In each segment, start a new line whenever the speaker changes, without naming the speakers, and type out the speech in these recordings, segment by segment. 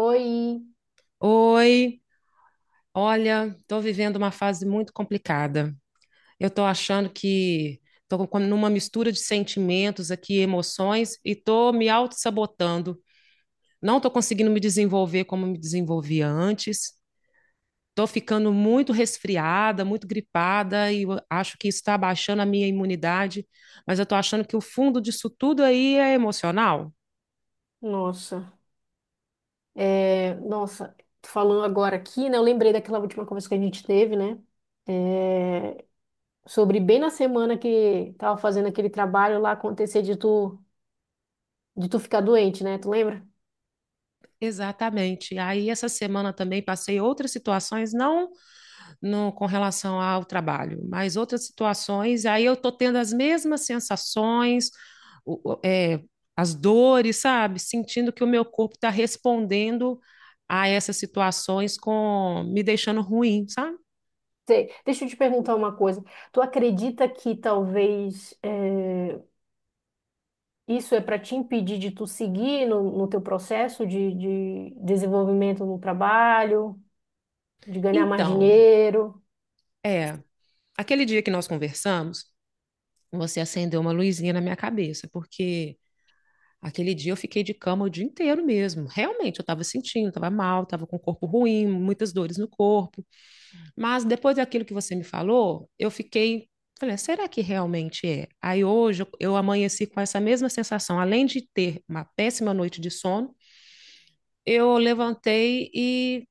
Oi,
Oi, olha, estou vivendo uma fase muito complicada. Eu estou achando que estou numa mistura de sentimentos aqui, emoções, e estou me auto-sabotando. Não estou conseguindo me desenvolver como me desenvolvia antes. Estou ficando muito resfriada, muito gripada, e eu acho que isso está abaixando a minha imunidade. Mas eu estou achando que o fundo disso tudo aí é emocional.
nossa, nossa, falando agora aqui, né? Eu lembrei daquela última conversa que a gente teve, né? É, Sobre bem na semana que tava fazendo aquele trabalho lá acontecer de tu ficar doente, né? Tu lembra?
Exatamente. Aí essa semana também passei outras situações, não no, com relação ao trabalho, mas outras situações, aí eu estou tendo as mesmas sensações, o- o- é, as dores, sabe? Sentindo que o meu corpo está respondendo a essas situações com me deixando ruim, sabe?
Sei. Deixa eu te perguntar uma coisa. Tu acredita que isso é para te impedir de tu seguir no teu processo de desenvolvimento no trabalho, de ganhar mais
Então,
dinheiro?
é, aquele dia que nós conversamos, você acendeu uma luzinha na minha cabeça, porque aquele dia eu fiquei de cama o dia inteiro mesmo. Realmente, eu estava sentindo, estava mal, estava com o corpo ruim, muitas dores no corpo. Mas depois daquilo que você me falou, eu fiquei. Falei, "Ah, será que realmente é?" Aí hoje eu amanheci com essa mesma sensação. Além de ter uma péssima noite de sono, eu levantei e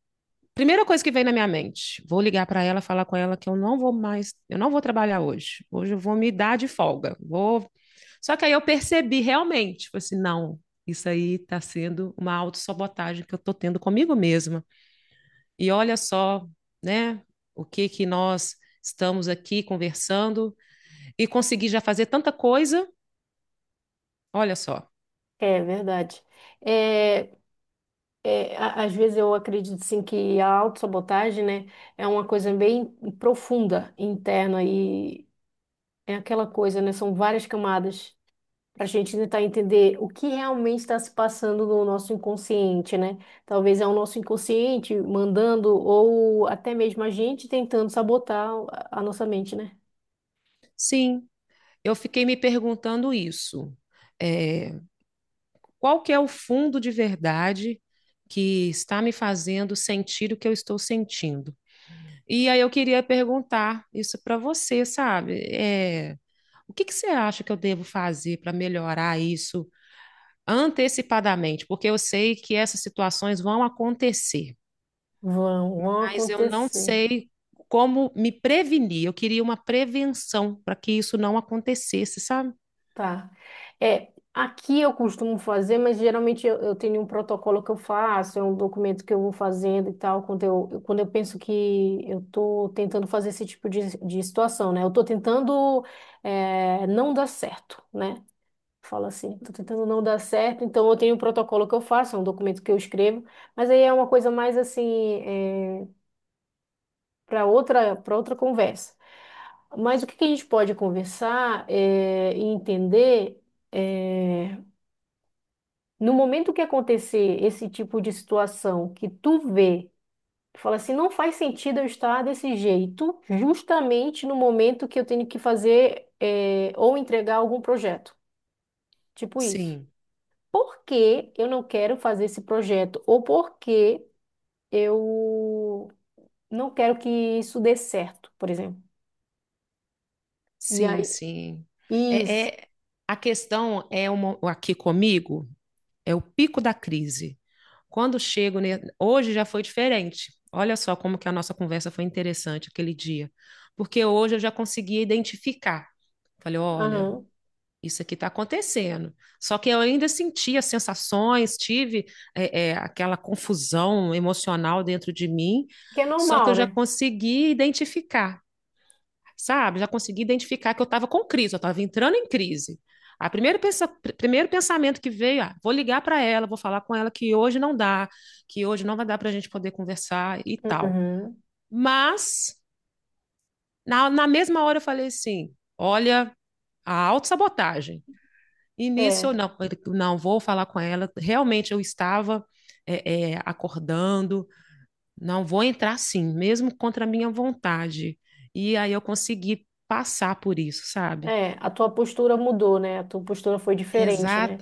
primeira coisa que vem na minha mente, vou ligar para ela, falar com ela que eu não vou mais, eu não vou trabalhar hoje. Hoje eu vou me dar de folga. Vou. Só que aí eu percebi realmente, tipo assim, não, isso aí está sendo uma autossabotagem que eu estou tendo comigo mesma. E olha só, né, o que que nós estamos aqui conversando e consegui já fazer tanta coisa. Olha só.
É verdade. É, Às vezes eu acredito assim que a autossabotagem, né, é uma coisa bem profunda, interna, e é aquela coisa, né, são várias camadas para a gente tentar entender o que realmente está se passando no nosso inconsciente, né? Talvez é o nosso inconsciente mandando ou até mesmo a gente tentando sabotar a nossa mente, né?
Sim, eu fiquei me perguntando isso. É, qual que é o fundo de verdade que está me fazendo sentir o que eu estou sentindo. E aí eu queria perguntar isso para você, sabe? O que que você acha que eu devo fazer para melhorar isso antecipadamente? Porque eu sei que essas situações vão acontecer,
Vão, vão
mas eu não
acontecer.
sei como me prevenir. Eu queria uma prevenção para que isso não acontecesse, sabe?
Tá. É, aqui eu costumo fazer, mas geralmente eu tenho um protocolo que eu faço, é um documento que eu vou fazendo e tal, quando eu penso que eu tô tentando fazer esse tipo de situação, né? Eu tô tentando não dar certo, né? Fala assim, tô tentando não dar certo, então eu tenho um protocolo que eu faço, é um documento que eu escrevo, mas aí é uma coisa mais assim, é, para outra conversa. Mas o que que a gente pode conversar é, e entender. é, No momento que acontecer esse tipo de situação que tu vê, tu fala assim, não faz sentido eu estar desse jeito, justamente no momento que eu tenho que fazer ou entregar algum projeto. Tipo isso.
Sim.
Por que eu não quero fazer esse projeto? Ou por que eu não quero que isso dê certo, por exemplo. E
Sim,
aí,
sim. É,
isso.
é- a questão é uma, aqui comigo é o pico da crise. Quando chego, ne- hoje já foi diferente. Olha só como que a nossa conversa foi interessante aquele dia, porque hoje eu já conseguia identificar. Falei, olha,
Aham.
isso aqui está acontecendo. Só que eu ainda sentia as sensações, tive aquela confusão emocional dentro de mim,
Que é
só que eu
normal,
já
né?
consegui identificar, sabe? Já consegui identificar que eu estava com crise, eu estava entrando em crise. A primeiro, pensa, primeiro pensamento que veio, ah, vou ligar para ela, vou falar com ela que hoje não dá, que hoje não vai dar para a gente poder conversar e tal.
Uhum.
Mas, na mesma hora eu falei assim, olha, a autossabotagem. E nisso
É,
eu não, não vou falar com ela, realmente eu estava acordando, não vou entrar assim, mesmo contra a minha vontade. E aí eu consegui passar por isso, sabe?
a tua postura mudou, né? A tua postura foi diferente, né?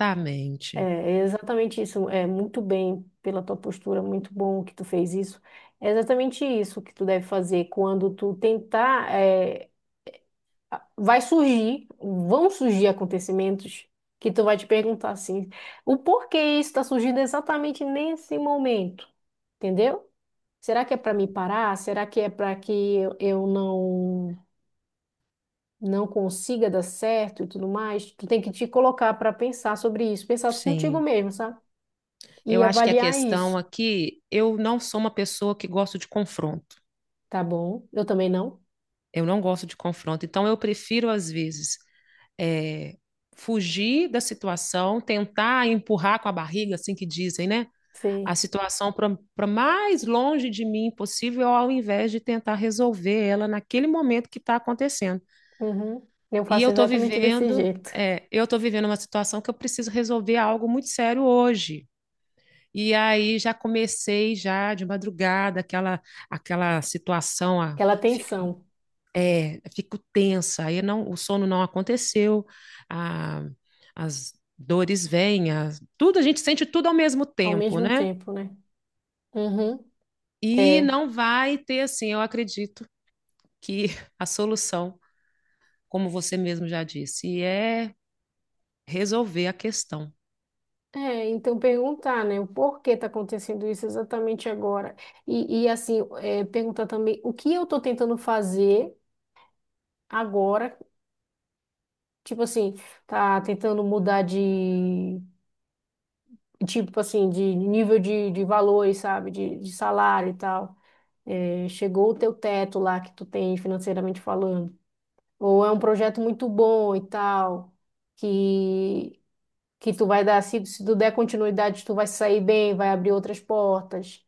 É, é exatamente isso. É muito bem pela tua postura, muito bom que tu fez isso. É exatamente isso que tu deve fazer quando tu tentar. Vai surgir, vão surgir acontecimentos que tu vai te perguntar assim, o porquê isso está surgindo exatamente nesse momento, entendeu? Será que é para me parar? Será que é para que eu não consiga dar certo e tudo mais? Tu tem que te colocar para pensar sobre isso, pensar contigo
Sim.
mesmo, sabe?
Eu
E
acho que a
avaliar
questão
isso.
aqui, eu não sou uma pessoa que gosto de confronto.
Tá bom. Eu também não.
Eu não gosto de confronto. Então, eu prefiro, às vezes, eh, fugir da situação, tentar empurrar com a barriga, assim que dizem, né? A
Sim.
situação para mais longe de mim possível, ao invés de tentar resolver ela naquele momento que está acontecendo.
Uhum. Eu
E
faço
eu estou
exatamente desse
vivendo,
jeito.
eu estou vivendo uma situação que eu preciso resolver algo muito sério hoje. E aí já comecei já de madrugada aquela aquela situação a,
Aquela
fica
tensão
é fico tensa aí não o sono não aconteceu a- as dores vêm as- tudo a gente sente tudo ao mesmo
ao
tempo,
mesmo
né,
tempo, né? Uhum.
e
É.
não vai ter assim, eu acredito que a solução como você mesmo já disse é resolver a questão.
É, então perguntar, né, o porquê tá acontecendo isso exatamente agora. E assim, é, perguntar também o que eu tô tentando fazer agora, tipo assim, tá tentando mudar de, tipo assim, de nível de valores, sabe, de salário e tal. É, chegou o teu teto lá que tu tem financeiramente falando. Ou é um projeto muito bom e tal, que que tu vai dar, se tu der continuidade, tu vai sair bem, vai abrir outras portas.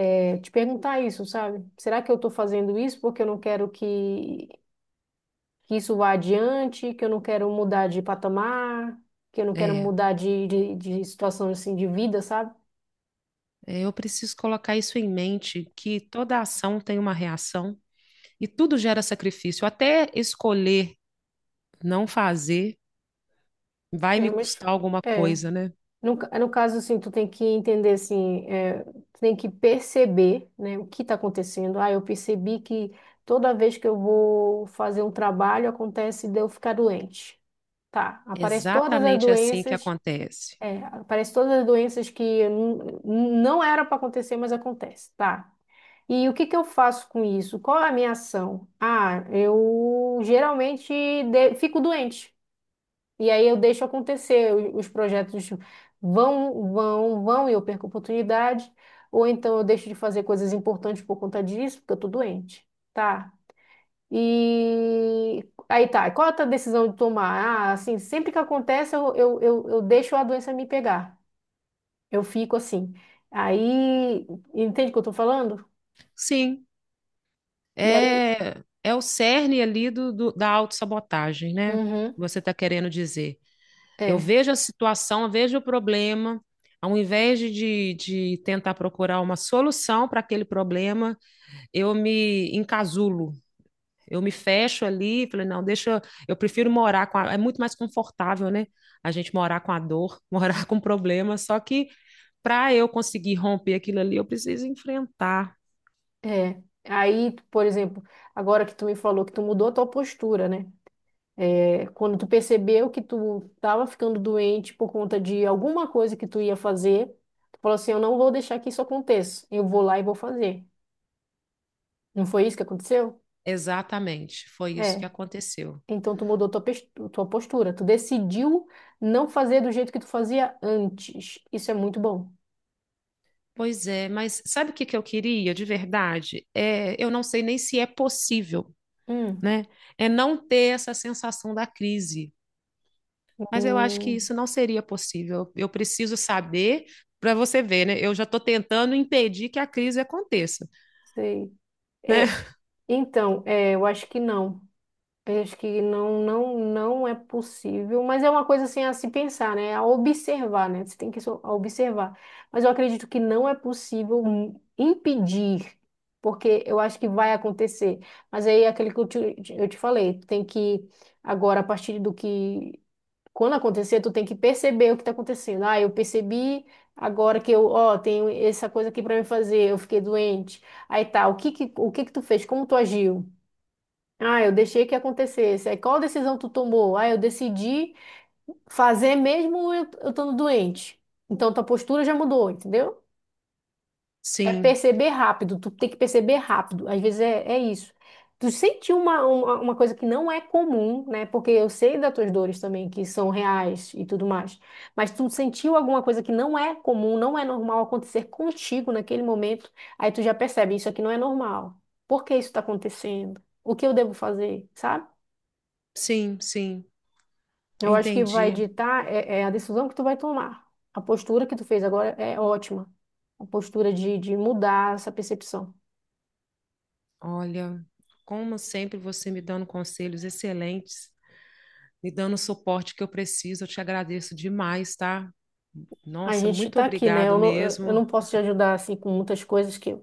É, te perguntar isso, sabe? Será que eu tô fazendo isso porque eu não quero que isso vá adiante, que eu não quero mudar de patamar, que eu não quero
é
mudar de situação assim de vida, sabe?
eu preciso colocar isso em mente que toda ação tem uma reação. E tudo gera sacrifício. Até escolher não fazer vai
É,
me
mas
custar alguma
é,
coisa, né?
No caso, assim, tu tem que entender, assim, é, tu tem que perceber, né, o que está acontecendo. Ah, eu percebi que toda vez que eu vou fazer um trabalho, acontece de eu ficar doente. Tá, aparece todas as
Exatamente assim que
doenças,
acontece.
aparece todas as doenças não era para acontecer, mas acontece, tá? E o que que eu faço com isso? Qual é a minha ação? Ah, eu geralmente fico doente. E aí eu deixo acontecer, os projetos vão, vão, vão e eu perco a oportunidade, ou então eu deixo de fazer coisas importantes por conta disso, porque eu tô doente, tá? E aí tá, qual é a tua decisão de tomar? Ah, assim, sempre que acontece eu deixo a doença me pegar, eu fico assim. Aí, entende o que eu tô falando?
Sim,
E aí,
é, é o cerne ali da autossabotagem, né?
uhum,
Você está querendo dizer. Eu
é,
vejo a situação, eu vejo o problema, ao invés de tentar procurar uma solução para aquele problema, eu me encasulo. Eu me fecho ali, falei, não, deixa, eu prefiro morar com a, é muito mais confortável, né? A gente morar com a dor, morar com o problema, só que para eu conseguir romper aquilo ali, eu preciso enfrentar.
é. Aí, por exemplo, agora que tu me falou que tu mudou a tua postura, né? É, quando tu percebeu que tu estava ficando doente por conta de alguma coisa que tu ia fazer, tu falou assim, eu não vou deixar que isso aconteça. Eu vou lá e vou fazer. Não foi isso que aconteceu?
Exatamente, foi isso que
É.
aconteceu.
Então tu mudou tua postura. Tu decidiu não fazer do jeito que tu fazia antes. Isso é muito bom.
Pois é, mas sabe o que que eu queria de verdade? É, eu não sei nem se é possível,
Hum,
né? É não ter essa sensação da crise. Mas eu acho que
hum,
isso não seria possível. Eu preciso saber, para você ver, né? Eu já estou tentando impedir que a crise aconteça,
sei.
né?
É, então, é, eu acho que não. Eu acho que não, não é possível, mas é uma coisa assim a se pensar, né? A observar, né? Você tem que observar. Mas eu acredito que não é possível impedir, porque eu acho que vai acontecer. Mas aí é aquele que eu te falei, tu tem que agora a partir do que quando acontecer, tu tem que perceber o que está acontecendo. Ah, eu percebi agora que eu, ó, tenho essa coisa aqui para me fazer, eu fiquei doente. Aí tá, o que que tu fez? Como tu agiu? Ah, eu deixei que acontecesse. Aí, qual decisão tu tomou? Ah, eu decidi fazer mesmo eu estando doente. Então, tua postura já mudou, entendeu? É
Sim,
perceber rápido, tu tem que perceber rápido. Às vezes é, é isso. Tu sentiu uma coisa que não é comum, né? Porque eu sei das tuas dores também, que são reais e tudo mais. Mas tu sentiu alguma coisa que não é comum, não é normal acontecer contigo naquele momento. Aí tu já percebe, isso aqui não é normal. Por que isso está acontecendo? O que eu devo fazer, sabe?
sim, sim,
Eu acho que vai
entendi.
ditar é a decisão que tu vai tomar. A postura que tu fez agora é ótima. A postura de mudar essa percepção.
Olha, como sempre você me dando conselhos excelentes, me dando o suporte que eu preciso, eu te agradeço demais, tá?
A
Nossa,
gente
muito
tá aqui, né?
obrigado
Eu não
mesmo.
posso te ajudar assim com muitas coisas que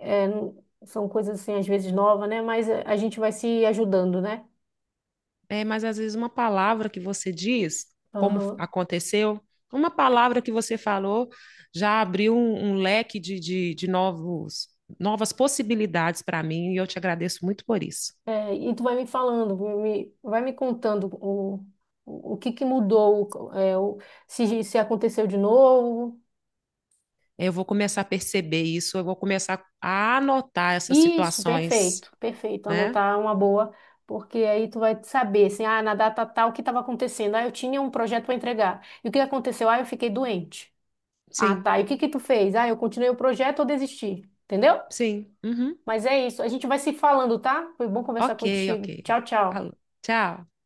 são coisas assim às vezes novas, né? Mas é, a gente vai se ajudando, né?
É, mas às vezes uma palavra que você diz, como
Aham.
aconteceu, uma palavra que você falou já abriu um, um leque de novos, novas possibilidades para mim e eu te agradeço muito por isso.
É, e tu vai me falando, vai me contando o que que mudou, se, se aconteceu de novo.
Eu vou começar a perceber isso, eu vou começar a anotar essas
Isso,
situações,
perfeito, perfeito.
né?
Anotar é uma boa, porque aí tu vai saber, assim, ah, na data tal, o que estava acontecendo? Ah, eu tinha um projeto para entregar. E o que aconteceu? Ah, eu fiquei doente. Ah,
Sim,
tá. E o que que tu fez? Ah, eu continuei o projeto ou desisti? Entendeu?
sim. Uhum.
Mas é isso. A gente vai se falando, tá? Foi bom conversar
Ok, ok.
contigo. Tchau,
Falou.
tchau.
Tchau.